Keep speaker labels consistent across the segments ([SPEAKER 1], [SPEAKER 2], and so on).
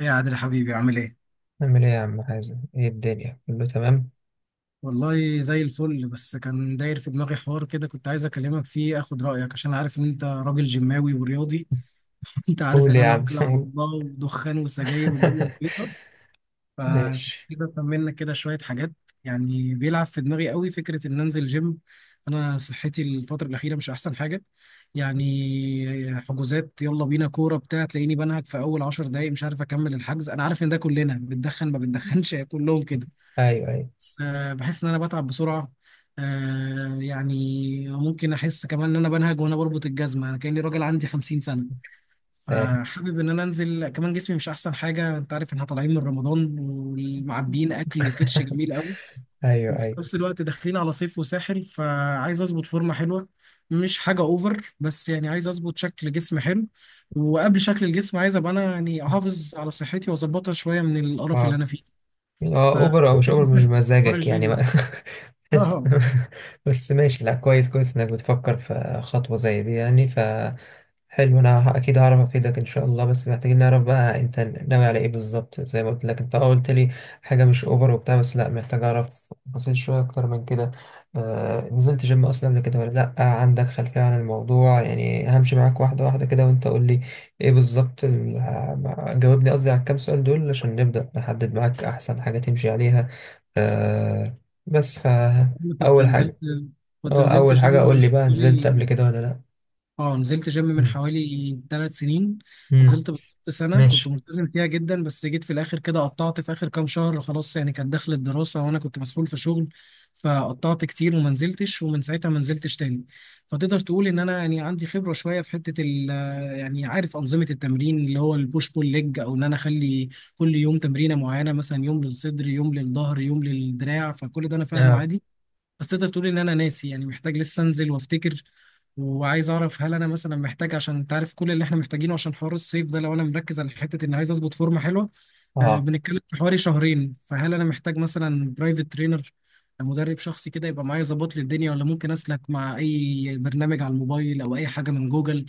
[SPEAKER 1] ايه يا عادل حبيبي عامل ايه؟
[SPEAKER 2] نعمل ايه يا عم حازم، ايه الدنيا؟ كله تمام.
[SPEAKER 1] والله زي الفل، بس كان داير في دماغي حوار كده، كنت عايز اكلمك فيه اخد رايك عشان عارف ان انت راجل جيماوي ورياضي. انت عارف
[SPEAKER 2] قول
[SPEAKER 1] ان
[SPEAKER 2] يا
[SPEAKER 1] انا
[SPEAKER 2] عم،
[SPEAKER 1] راجل على
[SPEAKER 2] قول.
[SPEAKER 1] الله ودخان وسجاير والدنيا كلها. فكنت
[SPEAKER 2] ماشي.
[SPEAKER 1] عايز افهم منك كده شويه حاجات. يعني بيلعب في دماغي قوي فكره ان انزل جيم. انا صحتي الفتره الاخيره مش احسن حاجه. يعني حجوزات يلا بينا كوره بتاع تلاقيني بنهج في اول 10 دقايق مش عارف اكمل الحجز. انا عارف ان ده كلنا بتدخن ما بتدخنش كلهم كده.
[SPEAKER 2] ايوه ايوه.
[SPEAKER 1] بس بحس ان انا بتعب بسرعه. يعني ممكن احس كمان ان انا بنهج وانا بربط الجزمه، انا كاني راجل عندي 50 سنه.
[SPEAKER 2] فاهم.
[SPEAKER 1] فحابب ان انا انزل، كمان جسمي مش احسن حاجه. انت عارف ان احنا طالعين من رمضان ومعبيين اكل وكرش جميل قوي.
[SPEAKER 2] ايوه
[SPEAKER 1] وفي
[SPEAKER 2] ايوه.
[SPEAKER 1] نفس الوقت داخلين على صيف وساحل، فعايز اظبط فورمه حلوه. مش حاجه اوفر، بس يعني عايز اظبط شكل جسم حلو. وقبل شكل الجسم عايز ابقى انا يعني احافظ على صحتي واظبطها شويه من القرف اللي
[SPEAKER 2] اه
[SPEAKER 1] انا فيه.
[SPEAKER 2] اه اوبر او مش اوبر،
[SPEAKER 1] فجسمي
[SPEAKER 2] مش
[SPEAKER 1] صحتك في حوار
[SPEAKER 2] مزاجك يعني، ما...
[SPEAKER 1] الجيم.
[SPEAKER 2] بس
[SPEAKER 1] اه،
[SPEAKER 2] بس ماشي، لا كويس كويس انك بتفكر في خطوة زي دي يعني. حلو، انا اكيد هعرف افيدك ان شاء الله. بس محتاجين نعرف بقى انت ناوي على ايه بالظبط، زي ما قلت لك انت قلت لي حاجة مش اوفر وبتاع، بس لا محتاج اعرف تفاصيل شوية اكتر من كده. نزلت جيم اصلا قبل كده ولا لا؟ عندك خلفية عن الموضوع؟ يعني همشي معاك واحدة واحدة كده وانت قول لي ايه بالظبط جاوبني قصدي على الكام سؤال دول عشان نبدأ نحدد معاك احسن حاجة تمشي عليها. آه بس
[SPEAKER 1] انا كنت
[SPEAKER 2] اول
[SPEAKER 1] نزلت
[SPEAKER 2] حاجة.
[SPEAKER 1] كنت
[SPEAKER 2] اه،
[SPEAKER 1] نزلت
[SPEAKER 2] اول
[SPEAKER 1] جيم
[SPEAKER 2] حاجة قول
[SPEAKER 1] من
[SPEAKER 2] لي بقى، نزلت قبل
[SPEAKER 1] حوالي
[SPEAKER 2] كده ولا لا؟
[SPEAKER 1] اه نزلت جيم من
[SPEAKER 2] مم.
[SPEAKER 1] حوالي 3 سنين.
[SPEAKER 2] مم.
[SPEAKER 1] نزلت بالظبط سنة كنت
[SPEAKER 2] ماشي.
[SPEAKER 1] ملتزم فيها جدا، بس جيت في الآخر كده قطعت في آخر كام شهر خلاص. يعني كانت دخل الدراسة وأنا كنت مسؤول في شغل، فقطعت كتير وما نزلتش، ومن ساعتها ما نزلتش تاني. فتقدر تقول إن أنا يعني عندي خبرة شوية في حتة ال، يعني عارف أنظمة التمرين اللي هو البوش بول ليج، أو إن أنا أخلي كل يوم تمرينة معينة، مثلا يوم للصدر، يوم للظهر، يوم للدراع. فكل ده أنا فاهمه
[SPEAKER 2] اه
[SPEAKER 1] عادي. بس تقدر تقول ان انا ناسي، يعني محتاج لسه انزل وافتكر. وعايز اعرف هل انا مثلا محتاج، عشان تعرف كل اللي احنا محتاجينه عشان حوار الصيف ده، لو انا مركز على حته ان عايز اظبط فورمه حلوه، آه
[SPEAKER 2] اه.
[SPEAKER 1] بنتكلم في حوالي شهرين، فهل انا محتاج مثلا برايفت ترينر، مدرب شخصي كده يبقى معايا يظبط لي الدنيا، ولا ممكن اسلك مع اي برنامج على الموبايل او اي حاجه من جوجل؟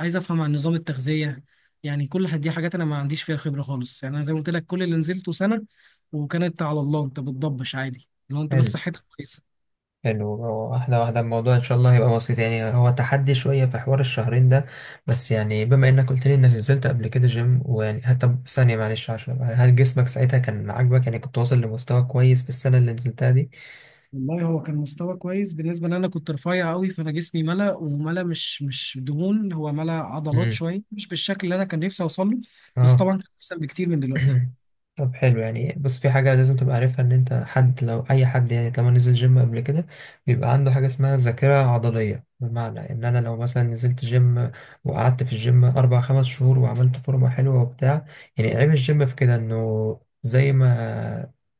[SPEAKER 1] عايز افهم عن نظام التغذيه. يعني كل حد- دي حاجات انا ما عنديش فيها خبره خالص. يعني انا زي ما قلت لك كل اللي نزلته سنه، وكانت على الله، انت بتضبش عادي لو انت بس
[SPEAKER 2] حلو
[SPEAKER 1] صحتك كويسه.
[SPEAKER 2] حلو، واحدة واحدة، الموضوع ان شاء الله هيبقى بسيط يعني. هو تحدي شوية في حوار الشهرين ده. بس يعني بما انك قلت لي انك نزلت قبل كده جيم، ويعني حتى ثانية معلش عشان هل جسمك ساعتها كان عاجبك؟ يعني كنت واصل لمستوى كويس في السنة اللي نزلتها دي؟
[SPEAKER 1] والله هو كان مستوى كويس، بالنسبة ان انا كنت رفيع قوي، فانا جسمي ملا، وملا مش دهون، هو ملا عضلات
[SPEAKER 2] مم.
[SPEAKER 1] شوية، مش بالشكل اللي انا كان نفسي اوصل له. بس
[SPEAKER 2] اه.
[SPEAKER 1] طبعا كان احسن بكتير من دلوقتي.
[SPEAKER 2] طب حلو، يعني بص، في حاجة لازم تبقى عارفها، إن أنت حد، لو أي حد يعني طالما نزل جيم قبل كده بيبقى عنده حاجة اسمها ذاكرة عضلية. بمعنى إن أنا لو مثلا نزلت جيم وقعدت في الجيم أربع خمس شهور وعملت فورمة حلوة وبتاع، يعني عيب الجيم في كده إنه زي ما،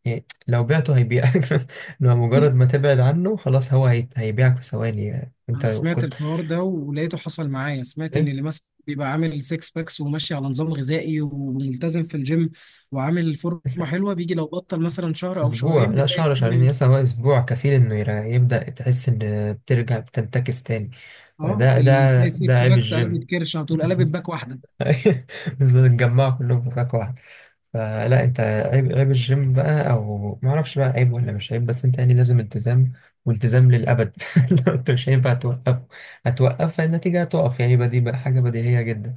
[SPEAKER 2] يعني لو بعته هيبيعك. لو مجرد ما تبعد عنه خلاص هو هيبيعك في ثواني يعني، أنت
[SPEAKER 1] انا سمعت
[SPEAKER 2] كنت...
[SPEAKER 1] الحوار ده ولقيته حصل معايا. سمعت ان
[SPEAKER 2] إيه؟
[SPEAKER 1] اللي مثلا بيبقى عامل سيكس باكس وماشي على نظام غذائي وملتزم في الجيم وعامل فورمة حلوة، بيجي لو بطل مثلا شهر او
[SPEAKER 2] اسبوع،
[SPEAKER 1] شهرين
[SPEAKER 2] لا
[SPEAKER 1] بتلاقي
[SPEAKER 2] شهر
[SPEAKER 1] كل
[SPEAKER 2] شهرين،
[SPEAKER 1] ال-
[SPEAKER 2] يا هو اسبوع كفيل انه يبدأ تحس ان بترجع بتنتكس تاني.
[SPEAKER 1] اه
[SPEAKER 2] ده ده
[SPEAKER 1] بتلاقي
[SPEAKER 2] ده
[SPEAKER 1] السيكس
[SPEAKER 2] عيب
[SPEAKER 1] باكس قلبت
[SPEAKER 2] الجيم.
[SPEAKER 1] كرش على طول، قلبت باك واحدة.
[SPEAKER 2] بالذات اتجمعوا كلهم في فاك واحد. فلا انت عيب الجيم بقى، او معرفش بقى عيب ولا مش عيب، بس انت يعني لازم التزام، والتزام للأبد. لو انت مش هينفع توقف، هتوقف فالنتيجة هتقف يعني، بدي بقى حاجة بديهية جدا.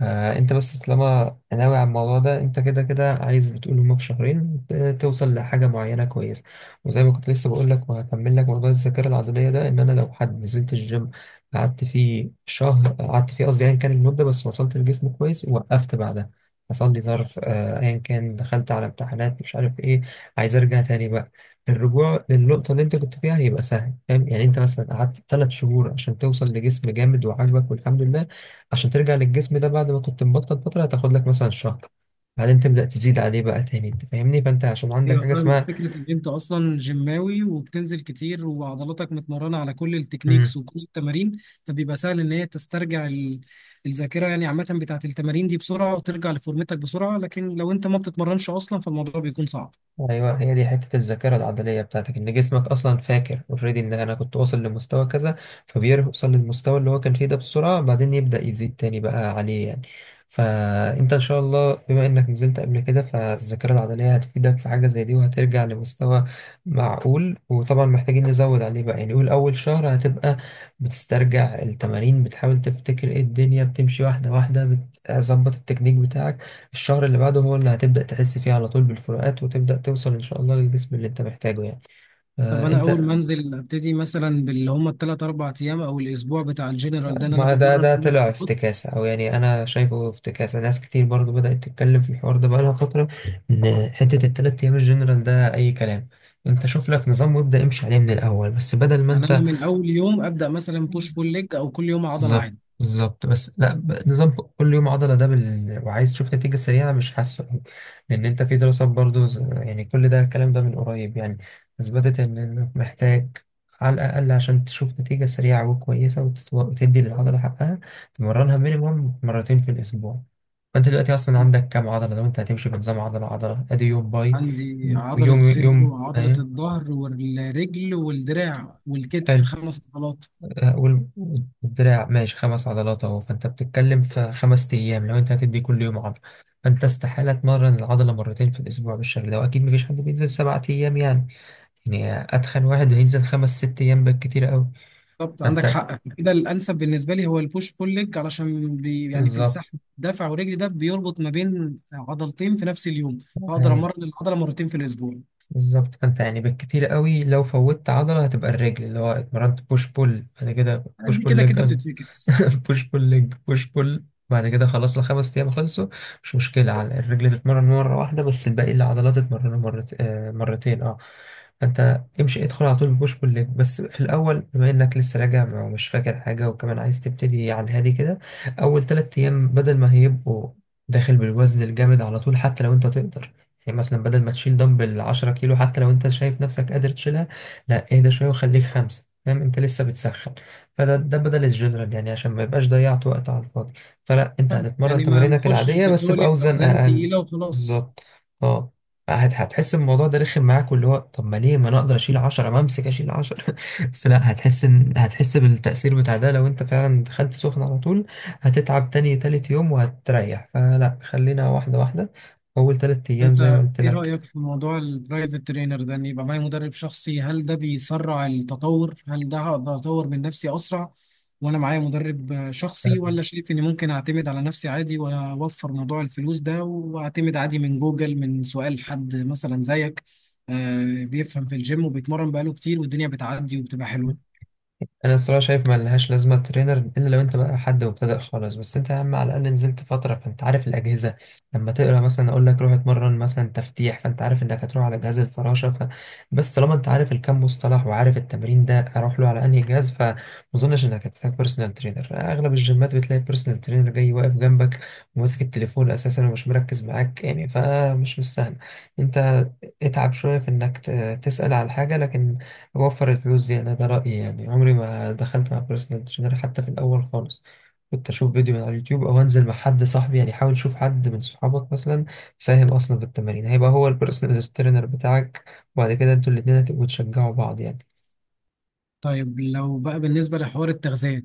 [SPEAKER 2] فانت بس طالما ناوي على الموضوع ده، انت كده كده عايز، بتقول هما في شهرين توصل لحاجه معينه كويسه. وزي ما كنت لسه بقول لك، وهكمل لك موضوع الذاكره العضليه ده، ان انا لو حد نزلت الجيم قعدت فيه شهر، قعدت فيه قصدي، ايا كان المده بس وصلت لجسم كويس ووقفت بعدها. حصل لي ظرف، ايا كان، دخلت على امتحانات مش عارف ايه، عايز ارجع تاني بقى. الرجوع للنقطة اللي انت كنت فيها هيبقى سهل، فاهم يعني، انت مثلا قعدت 3 شهور عشان توصل لجسم جامد وعاجبك والحمد لله، عشان ترجع للجسم ده بعد ما كنت مبطل فترة هتاخد لك مثلا شهر، بعدين تبدأ تزيد عليه بقى تاني. انت فاهمني؟ فانت عشان عندك
[SPEAKER 1] ايوه
[SPEAKER 2] حاجة
[SPEAKER 1] فاهمك.
[SPEAKER 2] اسمها،
[SPEAKER 1] فكره ان انت اصلا جيماوي وبتنزل كتير وعضلاتك متمرنه على كل التكنيكس وكل التمارين، فبيبقى سهل ان هي تسترجع الذاكره، يعني عامه بتاعه التمارين دي بسرعه وترجع لفورمتك بسرعه، لكن لو انت ما بتتمرنش اصلا فالموضوع بيكون صعب.
[SPEAKER 2] ايوه، هي دي حته الذاكره العضليه بتاعتك، ان جسمك اصلا فاكر اوريدي ان انا كنت واصل لمستوى كذا، فبيوصل للمستوى اللي هو كان فيه ده بسرعه، بعدين يبدا يزيد تاني بقى عليه يعني. فانت ان شاء الله بما انك نزلت قبل كده، فالذاكره العضليه هتفيدك في حاجه زي دي، وهترجع لمستوى معقول، وطبعا محتاجين نزود عليه بقى يعني. قول اول شهر هتبقى بتسترجع التمارين، بتحاول تفتكر ايه، الدنيا بتمشي واحده واحده، بتظبط التكنيك بتاعك. الشهر اللي بعده هو اللي هتبدأ تحس فيه على طول بالفروقات، وتبدأ توصل إن شاء الله للجسم اللي أنت محتاجه يعني.
[SPEAKER 1] طب
[SPEAKER 2] آه
[SPEAKER 1] انا اول ما
[SPEAKER 2] أنت
[SPEAKER 1] انزل ابتدي مثلا باللي هم الثلاث اربع ايام او الاسبوع بتاع الجنرال ده، إن انا
[SPEAKER 2] ما ده
[SPEAKER 1] بمرن
[SPEAKER 2] ده
[SPEAKER 1] كل
[SPEAKER 2] طلع
[SPEAKER 1] العضلات؟
[SPEAKER 2] افتكاسة، أو يعني أنا شايفه افتكاسة، ناس كتير برضو بدأت تتكلم في الحوار ده بقالها فترة، إن حتة التلات أيام الجنرال ده أي كلام. أنت شوف لك نظام وابدأ امشي عليه من الأول، بس بدل ما
[SPEAKER 1] يعني انا
[SPEAKER 2] أنت،
[SPEAKER 1] من اول يوم ابدا مثلا بوش بول ليج او كل يوم عضله
[SPEAKER 2] بالظبط
[SPEAKER 1] عادي.
[SPEAKER 2] بالظبط، بس لا نظام كل يوم عضلة ده وعايز تشوف نتيجة سريعة مش حاسه أوي. لأن أنت في دراسات برضو يعني كل ده، الكلام ده من قريب يعني، أثبتت إنك محتاج، على الأقل عشان تشوف نتيجة سريعة وكويسة وتدي للعضلة حقها، تمرنها مينيموم مرتين في الأسبوع. فأنت دلوقتي أصلا عندك كام عضلة؟ لو أنت هتمشي بنظام عضلة عضلة، أدي يوم باي
[SPEAKER 1] عندي عضلة
[SPEAKER 2] يوم،
[SPEAKER 1] صدر
[SPEAKER 2] يوم
[SPEAKER 1] وعضلة
[SPEAKER 2] أهي.
[SPEAKER 1] الظهر والرجل والدراع
[SPEAKER 2] حلو
[SPEAKER 1] والكتف، خمس عضلات.
[SPEAKER 2] وال- والدراع ماشي، 5 عضلات اهو، فانت بتتكلم في 5 أيام لو انت هتدي كل يوم عضله. فانت استحاله تمرن العضله مرتين في الاسبوع بالشكل ده، واكيد مفيش حد بينزل 7 أيام يعني. يعني اتخن واحد هينزل خمس ست ايام بالكتير قوي.
[SPEAKER 1] بالظبط عندك
[SPEAKER 2] فانت،
[SPEAKER 1] حق، كده الأنسب بالنسبة لي هو البوش بول ليج، علشان بي يعني في
[SPEAKER 2] بالظبط
[SPEAKER 1] السحب دفع ورجلي ده بيربط ما بين عضلتين في نفس اليوم، فأقدر أمرن العضلة مرتين في الأسبوع.
[SPEAKER 2] بالظبط، فانت يعني بالكتير قوي لو فوتت عضلة هتبقى الرجل اللي هو اتمرنت بوش بول، بعد كده بوش
[SPEAKER 1] دي
[SPEAKER 2] بول
[SPEAKER 1] كده
[SPEAKER 2] ليج
[SPEAKER 1] كده
[SPEAKER 2] قصدي.
[SPEAKER 1] بتتفكس.
[SPEAKER 2] بوش بول ليج بوش بول، بعد كده خلاص الـ5 أيام خلصوا. مش مشكلة على الرجل تتمرن مرة واحدة، بس الباقي العضلات تتمرن مرتين اه. فانت امشي ادخل على طول بوش بول ليج، بس في الاول بما انك لسه راجع ومش فاكر حاجه، وكمان عايز تبتدي على الهادي كده، اول 3 أيام بدل ما هيبقوا داخل بالوزن الجامد على طول، حتى لو انت تقدر، يعني مثلا بدل ما تشيل دمبل 10 كيلو حتى لو انت شايف نفسك قادر تشيلها، لا اهدى شويه وخليك خمسه، فاهم، انت لسه بتسخن. فده بدل الجنرال يعني، عشان ما يبقاش ضيعت وقت على الفاضي. فلا انت هتتمرن
[SPEAKER 1] يعني ما
[SPEAKER 2] تمارينك
[SPEAKER 1] نخشش
[SPEAKER 2] العاديه بس
[SPEAKER 1] بتولد
[SPEAKER 2] باوزان
[SPEAKER 1] أوزان
[SPEAKER 2] اقل.
[SPEAKER 1] تقيلة وخلاص.
[SPEAKER 2] بالظبط. اه هتحس إن الموضوع ده رخم معاك، واللي هو طب ما ليه، ما انا اقدر اشيل 10، ما امسك اشيل 10؟ بس لا هتحس بالتأثير بتاع ده لو انت فعلا دخلت سخن على طول. هتتعب تاني تالت يوم وهتريح، فلا خلينا واحدة واحدة، اول 3 أيام زي ما
[SPEAKER 1] انت
[SPEAKER 2] قلت
[SPEAKER 1] ايه
[SPEAKER 2] لك.
[SPEAKER 1] رأيك في موضوع البرايفت ترينر ده، ان يبقى معايا مدرب شخصي؟ هل ده بيسرع التطور؟ هل ده هقدر اطور من نفسي اسرع وانا معايا مدرب
[SPEAKER 2] آه،
[SPEAKER 1] شخصي، ولا شايف اني ممكن اعتمد على نفسي عادي واوفر موضوع الفلوس ده واعتمد عادي من جوجل، من سؤال حد مثلا زيك بيفهم في الجيم وبيتمرن بقاله كتير والدنيا بتعدي وبتبقى حلوة؟
[SPEAKER 2] انا الصراحه شايف ما لهاش لازمه ترينر، الا لو انت بقى حد مبتدئ خالص، بس انت يا عم على الاقل نزلت فتره، فانت عارف الاجهزه. لما تقرا مثلا اقول لك روح اتمرن مثلا تفتيح، فانت عارف انك هتروح على جهاز الفراشه بس طالما انت عارف الكام مصطلح وعارف التمرين ده اروح له على انهي جهاز، فما اظنش انك هتحتاج بيرسونال ترينر. اغلب الجيمات بتلاقي بيرسونال ترينر جاي واقف جنبك وماسك التليفون اساسا ومش مركز معاك يعني، فمش مستاهل. انت اتعب شويه في انك تسال على الحاجه، لكن وفر الفلوس دي. انا ده رأيي يعني، عمري ما دخلت مع بيرسونال ترينر حتى في الاول خالص، كنت اشوف فيديو من على اليوتيوب او انزل مع حد صاحبي. يعني حاول شوف حد من صحابك مثلا فاهم اصلا في التمارين، هيبقى هو البيرسونال ترينر بتاعك، وبعد كده انتوا الاتنين هتبقوا تشجعوا بعض يعني.
[SPEAKER 1] طيب لو بقى بالنسبة لحوار التغذية،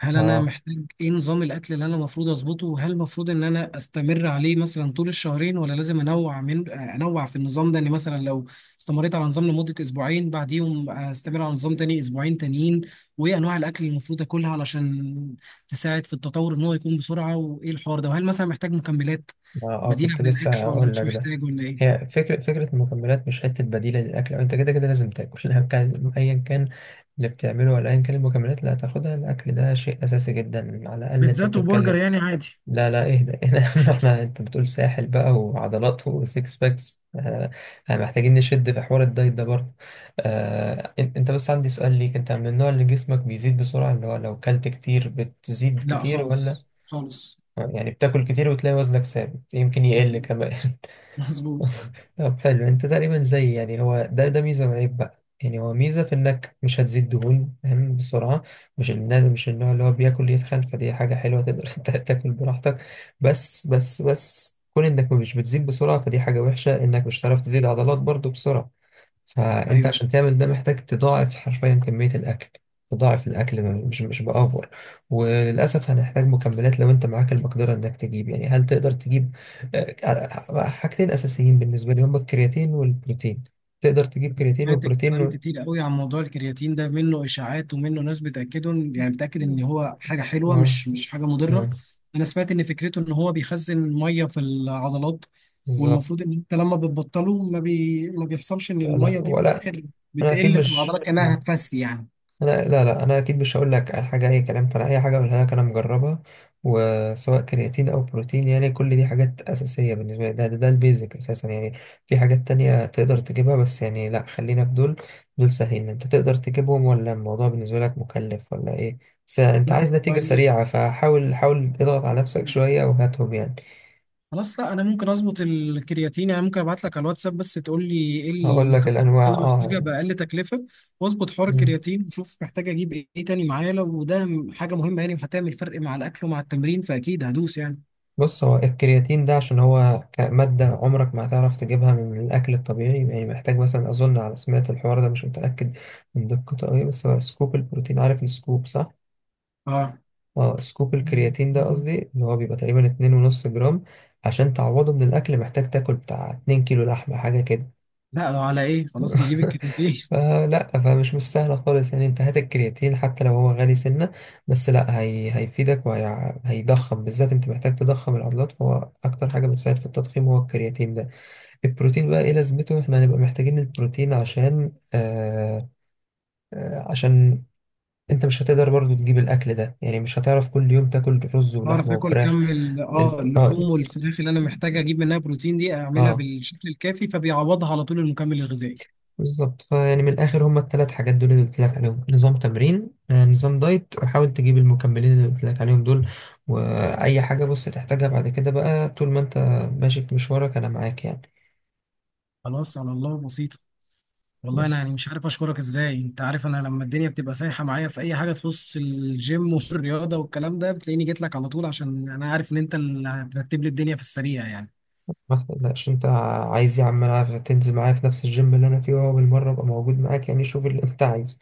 [SPEAKER 1] هل أنا
[SPEAKER 2] اه
[SPEAKER 1] محتاج إيه نظام الأكل اللي أنا المفروض أظبطه؟ وهل المفروض إن أنا أستمر عليه مثلا طول الشهرين، ولا لازم أنوع من أنوع في النظام ده؟ إني مثلا لو استمريت على نظام لمدة أسبوعين بعديهم أستمر على نظام تاني أسبوعين تانيين. وإيه أنواع الأكل اللي المفروض آكلها علشان تساعد في التطور إن هو يكون بسرعة؟ وإيه الحوار ده؟ وهل مثلا محتاج مكملات
[SPEAKER 2] اه.
[SPEAKER 1] بديلة
[SPEAKER 2] كنت
[SPEAKER 1] عن
[SPEAKER 2] لسه
[SPEAKER 1] الأكل، ولا
[SPEAKER 2] هقول
[SPEAKER 1] مش
[SPEAKER 2] لك ده.
[SPEAKER 1] محتاج، ولا إيه؟
[SPEAKER 2] هي فكرة المكملات مش حتة بديلة للأكل، أو أنت كده كده لازم تاكل. أيا كان أيا كان اللي بتعمله، ولا أيا كان المكملات اللي هتاخدها، الأكل ده شيء أساسي جدا. على الأقل أنت
[SPEAKER 1] بيتزات وبرجر
[SPEAKER 2] بتتكلم،
[SPEAKER 1] يعني عادي.
[SPEAKER 2] لا لا اهدى. احنا، انت بتقول ساحل بقى وعضلات وسيكس باكس، محتاجين نشد في حوار الدايت ده برضه. آه إن- انت، بس عندي سؤال ليك، انت من النوع اللي جسمك بيزيد بسرعة، اللي هو لو كلت كتير بتزيد
[SPEAKER 1] لا
[SPEAKER 2] كتير، ولا
[SPEAKER 1] خالص خالص.
[SPEAKER 2] يعني بتاكل كتير وتلاقي وزنك ثابت يمكن يقل
[SPEAKER 1] مظبوط
[SPEAKER 2] كمان؟
[SPEAKER 1] مظبوط.
[SPEAKER 2] طب حلو، انت تقريبا زي يعني، هو ده ميزه وعيب بقى يعني. هو ميزه في انك مش هتزيد دهون فاهم بسرعه، مش الناس مش النوع اللي هو بياكل يتخن، فدي حاجه حلوه تقدر انت تاكل براحتك. بس كون انك مش بتزيد بسرعه فدي حاجه وحشه، انك مش هتعرف تزيد عضلات برضو بسرعه. فانت
[SPEAKER 1] ايوه.
[SPEAKER 2] عشان تعمل ده محتاج تضاعف حرفيا كمية الاكل، تضاعف الاكل، مش بافور. وللاسف هنحتاج مكملات لو انت معاك المقدرة انك تجيب. يعني هل تقدر تجيب حاجتين اساسيين بالنسبة لي، هما الكرياتين والبروتين؟ تقدر تجيب
[SPEAKER 1] أنا
[SPEAKER 2] كرياتين
[SPEAKER 1] سمعت
[SPEAKER 2] وبروتين
[SPEAKER 1] كلام
[SPEAKER 2] و...
[SPEAKER 1] كتير قوي عن موضوع الكرياتين ده، منه اشاعات ومنه ناس بتاكده، يعني بتاكد ان هو حاجه حلوه،
[SPEAKER 2] آه،
[SPEAKER 1] مش حاجه مضره.
[SPEAKER 2] آه،
[SPEAKER 1] انا سمعت ان فكرته ان هو بيخزن ميه في العضلات،
[SPEAKER 2] بالظبط.
[SPEAKER 1] والمفروض ان انت لما بتبطله ما بيحصلش ان
[SPEAKER 2] لا لا
[SPEAKER 1] الميه دي
[SPEAKER 2] ولا، انا اكيد
[SPEAKER 1] بتقل في
[SPEAKER 2] مش،
[SPEAKER 1] العضلات، كانها هتفسي يعني.
[SPEAKER 2] انا لا لا انا اكيد مش هقول لك على حاجه اي كلام، فانا اي حاجه اقولها لك انا مجربها. وسواء كرياتين او بروتين يعني، كل دي حاجات اساسيه بالنسبه لي، ده البيزك اساسا يعني. في حاجات تانية تقدر تجيبها، بس يعني لا خلينا في دول، دول سهلين. انت تقدر تجيبهم ولا الموضوع بالنسبه لك مكلف ولا ايه؟ بس انت
[SPEAKER 1] لا
[SPEAKER 2] عايز نتيجه سريعه، فحاول حاول اضغط على نفسك
[SPEAKER 1] يعني
[SPEAKER 2] شويه وهاتهم يعني.
[SPEAKER 1] خلاص، لا انا ممكن اظبط الكرياتين. يعني ممكن ابعت لك على الواتساب، بس تقول لي ايه
[SPEAKER 2] هقول لك
[SPEAKER 1] المكملات
[SPEAKER 2] الانواع،
[SPEAKER 1] اللي انا
[SPEAKER 2] اه.
[SPEAKER 1] محتاجها باقل تكلفه، واظبط حوار الكرياتين وشوف محتاج اجيب ايه تاني معايا لو ده حاجه مهمه. يعني هتعمل فرق مع الاكل ومع التمرين فاكيد هدوس يعني.
[SPEAKER 2] بص، هو الكرياتين ده عشان هو كمادة عمرك ما هتعرف تجيبها من الأكل الطبيعي، يعني محتاج مثلا، أظن على سمعة الحوار ده مش متأكد من دقته أوي، بس هو سكوب البروتين، عارف السكوب صح؟
[SPEAKER 1] اه،
[SPEAKER 2] اه سكوب الكرياتين ده قصدي، اللي هو بيبقى تقريبا 2.5 جرام، عشان تعوضه من الأكل محتاج تاكل بتاع 2 كيلو لحمة حاجة كده.
[SPEAKER 1] لا على ايه، خلاص نجيب الكرياتين.
[SPEAKER 2] فلا فمش مستاهلة خالص يعني، انت هات الكرياتين حتى لو هو غالي سنة، بس لا هي هيفيدك وهيضخم، بالذات انت محتاج تضخم العضلات، فهو اكتر حاجة بتساعد في التضخيم هو الكرياتين ده. البروتين بقى ايه لازمته؟ احنا هنبقى محتاجين البروتين عشان آه آه عشان انت مش هتقدر برضو تجيب الاكل ده يعني، مش هتعرف كل يوم تاكل رز
[SPEAKER 1] اعرف
[SPEAKER 2] ولحمة
[SPEAKER 1] اكل
[SPEAKER 2] وفراخ
[SPEAKER 1] كم
[SPEAKER 2] اه
[SPEAKER 1] اللحوم والفراخ اللي انا محتاج اجيب منها بروتين دي، اعملها
[SPEAKER 2] اه
[SPEAKER 1] بالشكل الكافي فبيعوضها على طول المكمل الغذائي.
[SPEAKER 2] بالظبط. فيعني من الاخر هما الـ3 حاجات دول اللي قلت لك عليهم، نظام تمرين، نظام دايت، وحاول تجيب المكملين اللي قلت لك عليهم دول. واي حاجه بص تحتاجها بعد كده بقى، طول ما انت ماشي في مشوارك انا معاك يعني.
[SPEAKER 1] خلاص على الله بسيط. والله انا
[SPEAKER 2] بس
[SPEAKER 1] يعني مش عارف اشكرك ازاي، انت عارف انا لما الدنيا بتبقى سايحه معايا في اي حاجه تخص الجيم والرياضه والكلام ده بتلاقيني جيت لك على طول، عشان انا عارف ان انت اللي هترتب لي الدنيا في السريع يعني.
[SPEAKER 2] ما تقلقش انت، عايز يا عم انا تنزل معايا في نفس الجيم اللي انا فيه، وهو بالمره ابقى موجود معاك يعني، شوف اللي انت عايزه.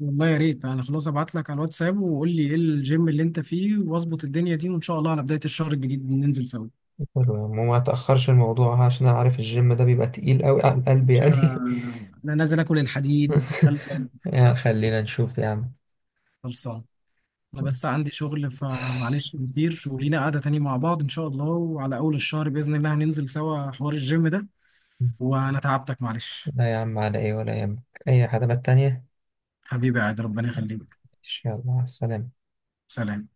[SPEAKER 1] والله يا ريت. انا خلاص ابعت لك على الواتساب وقول لي ايه الجيم اللي انت فيه واظبط الدنيا دي، وان شاء الله على بدايه الشهر الجديد ننزل سوا.
[SPEAKER 2] حلو يا عم، وما تاخرش الموضوع عشان انا عارف الجيم ده بيبقى تقيل قوي على القلب
[SPEAKER 1] مش
[SPEAKER 2] يعني.
[SPEAKER 1] انا نازل اكل الحديد خلي بالك.
[SPEAKER 2] يا، خلينا نشوف يا
[SPEAKER 1] خلصان. انا بس عندي شغل فمعلش كتير، ولينا قعده تاني مع بعض ان شاء الله، وعلى اول الشهر باذن الله هننزل سوا حوار الجيم ده.
[SPEAKER 2] عم.
[SPEAKER 1] وانا تعبتك معلش.
[SPEAKER 2] لا يا عم على ايه، ولا يهمك اي خدمات تانية.
[SPEAKER 1] حبيبي عاد ربنا يخليك.
[SPEAKER 2] ماشي، يلا مع السلامة.
[SPEAKER 1] سلام.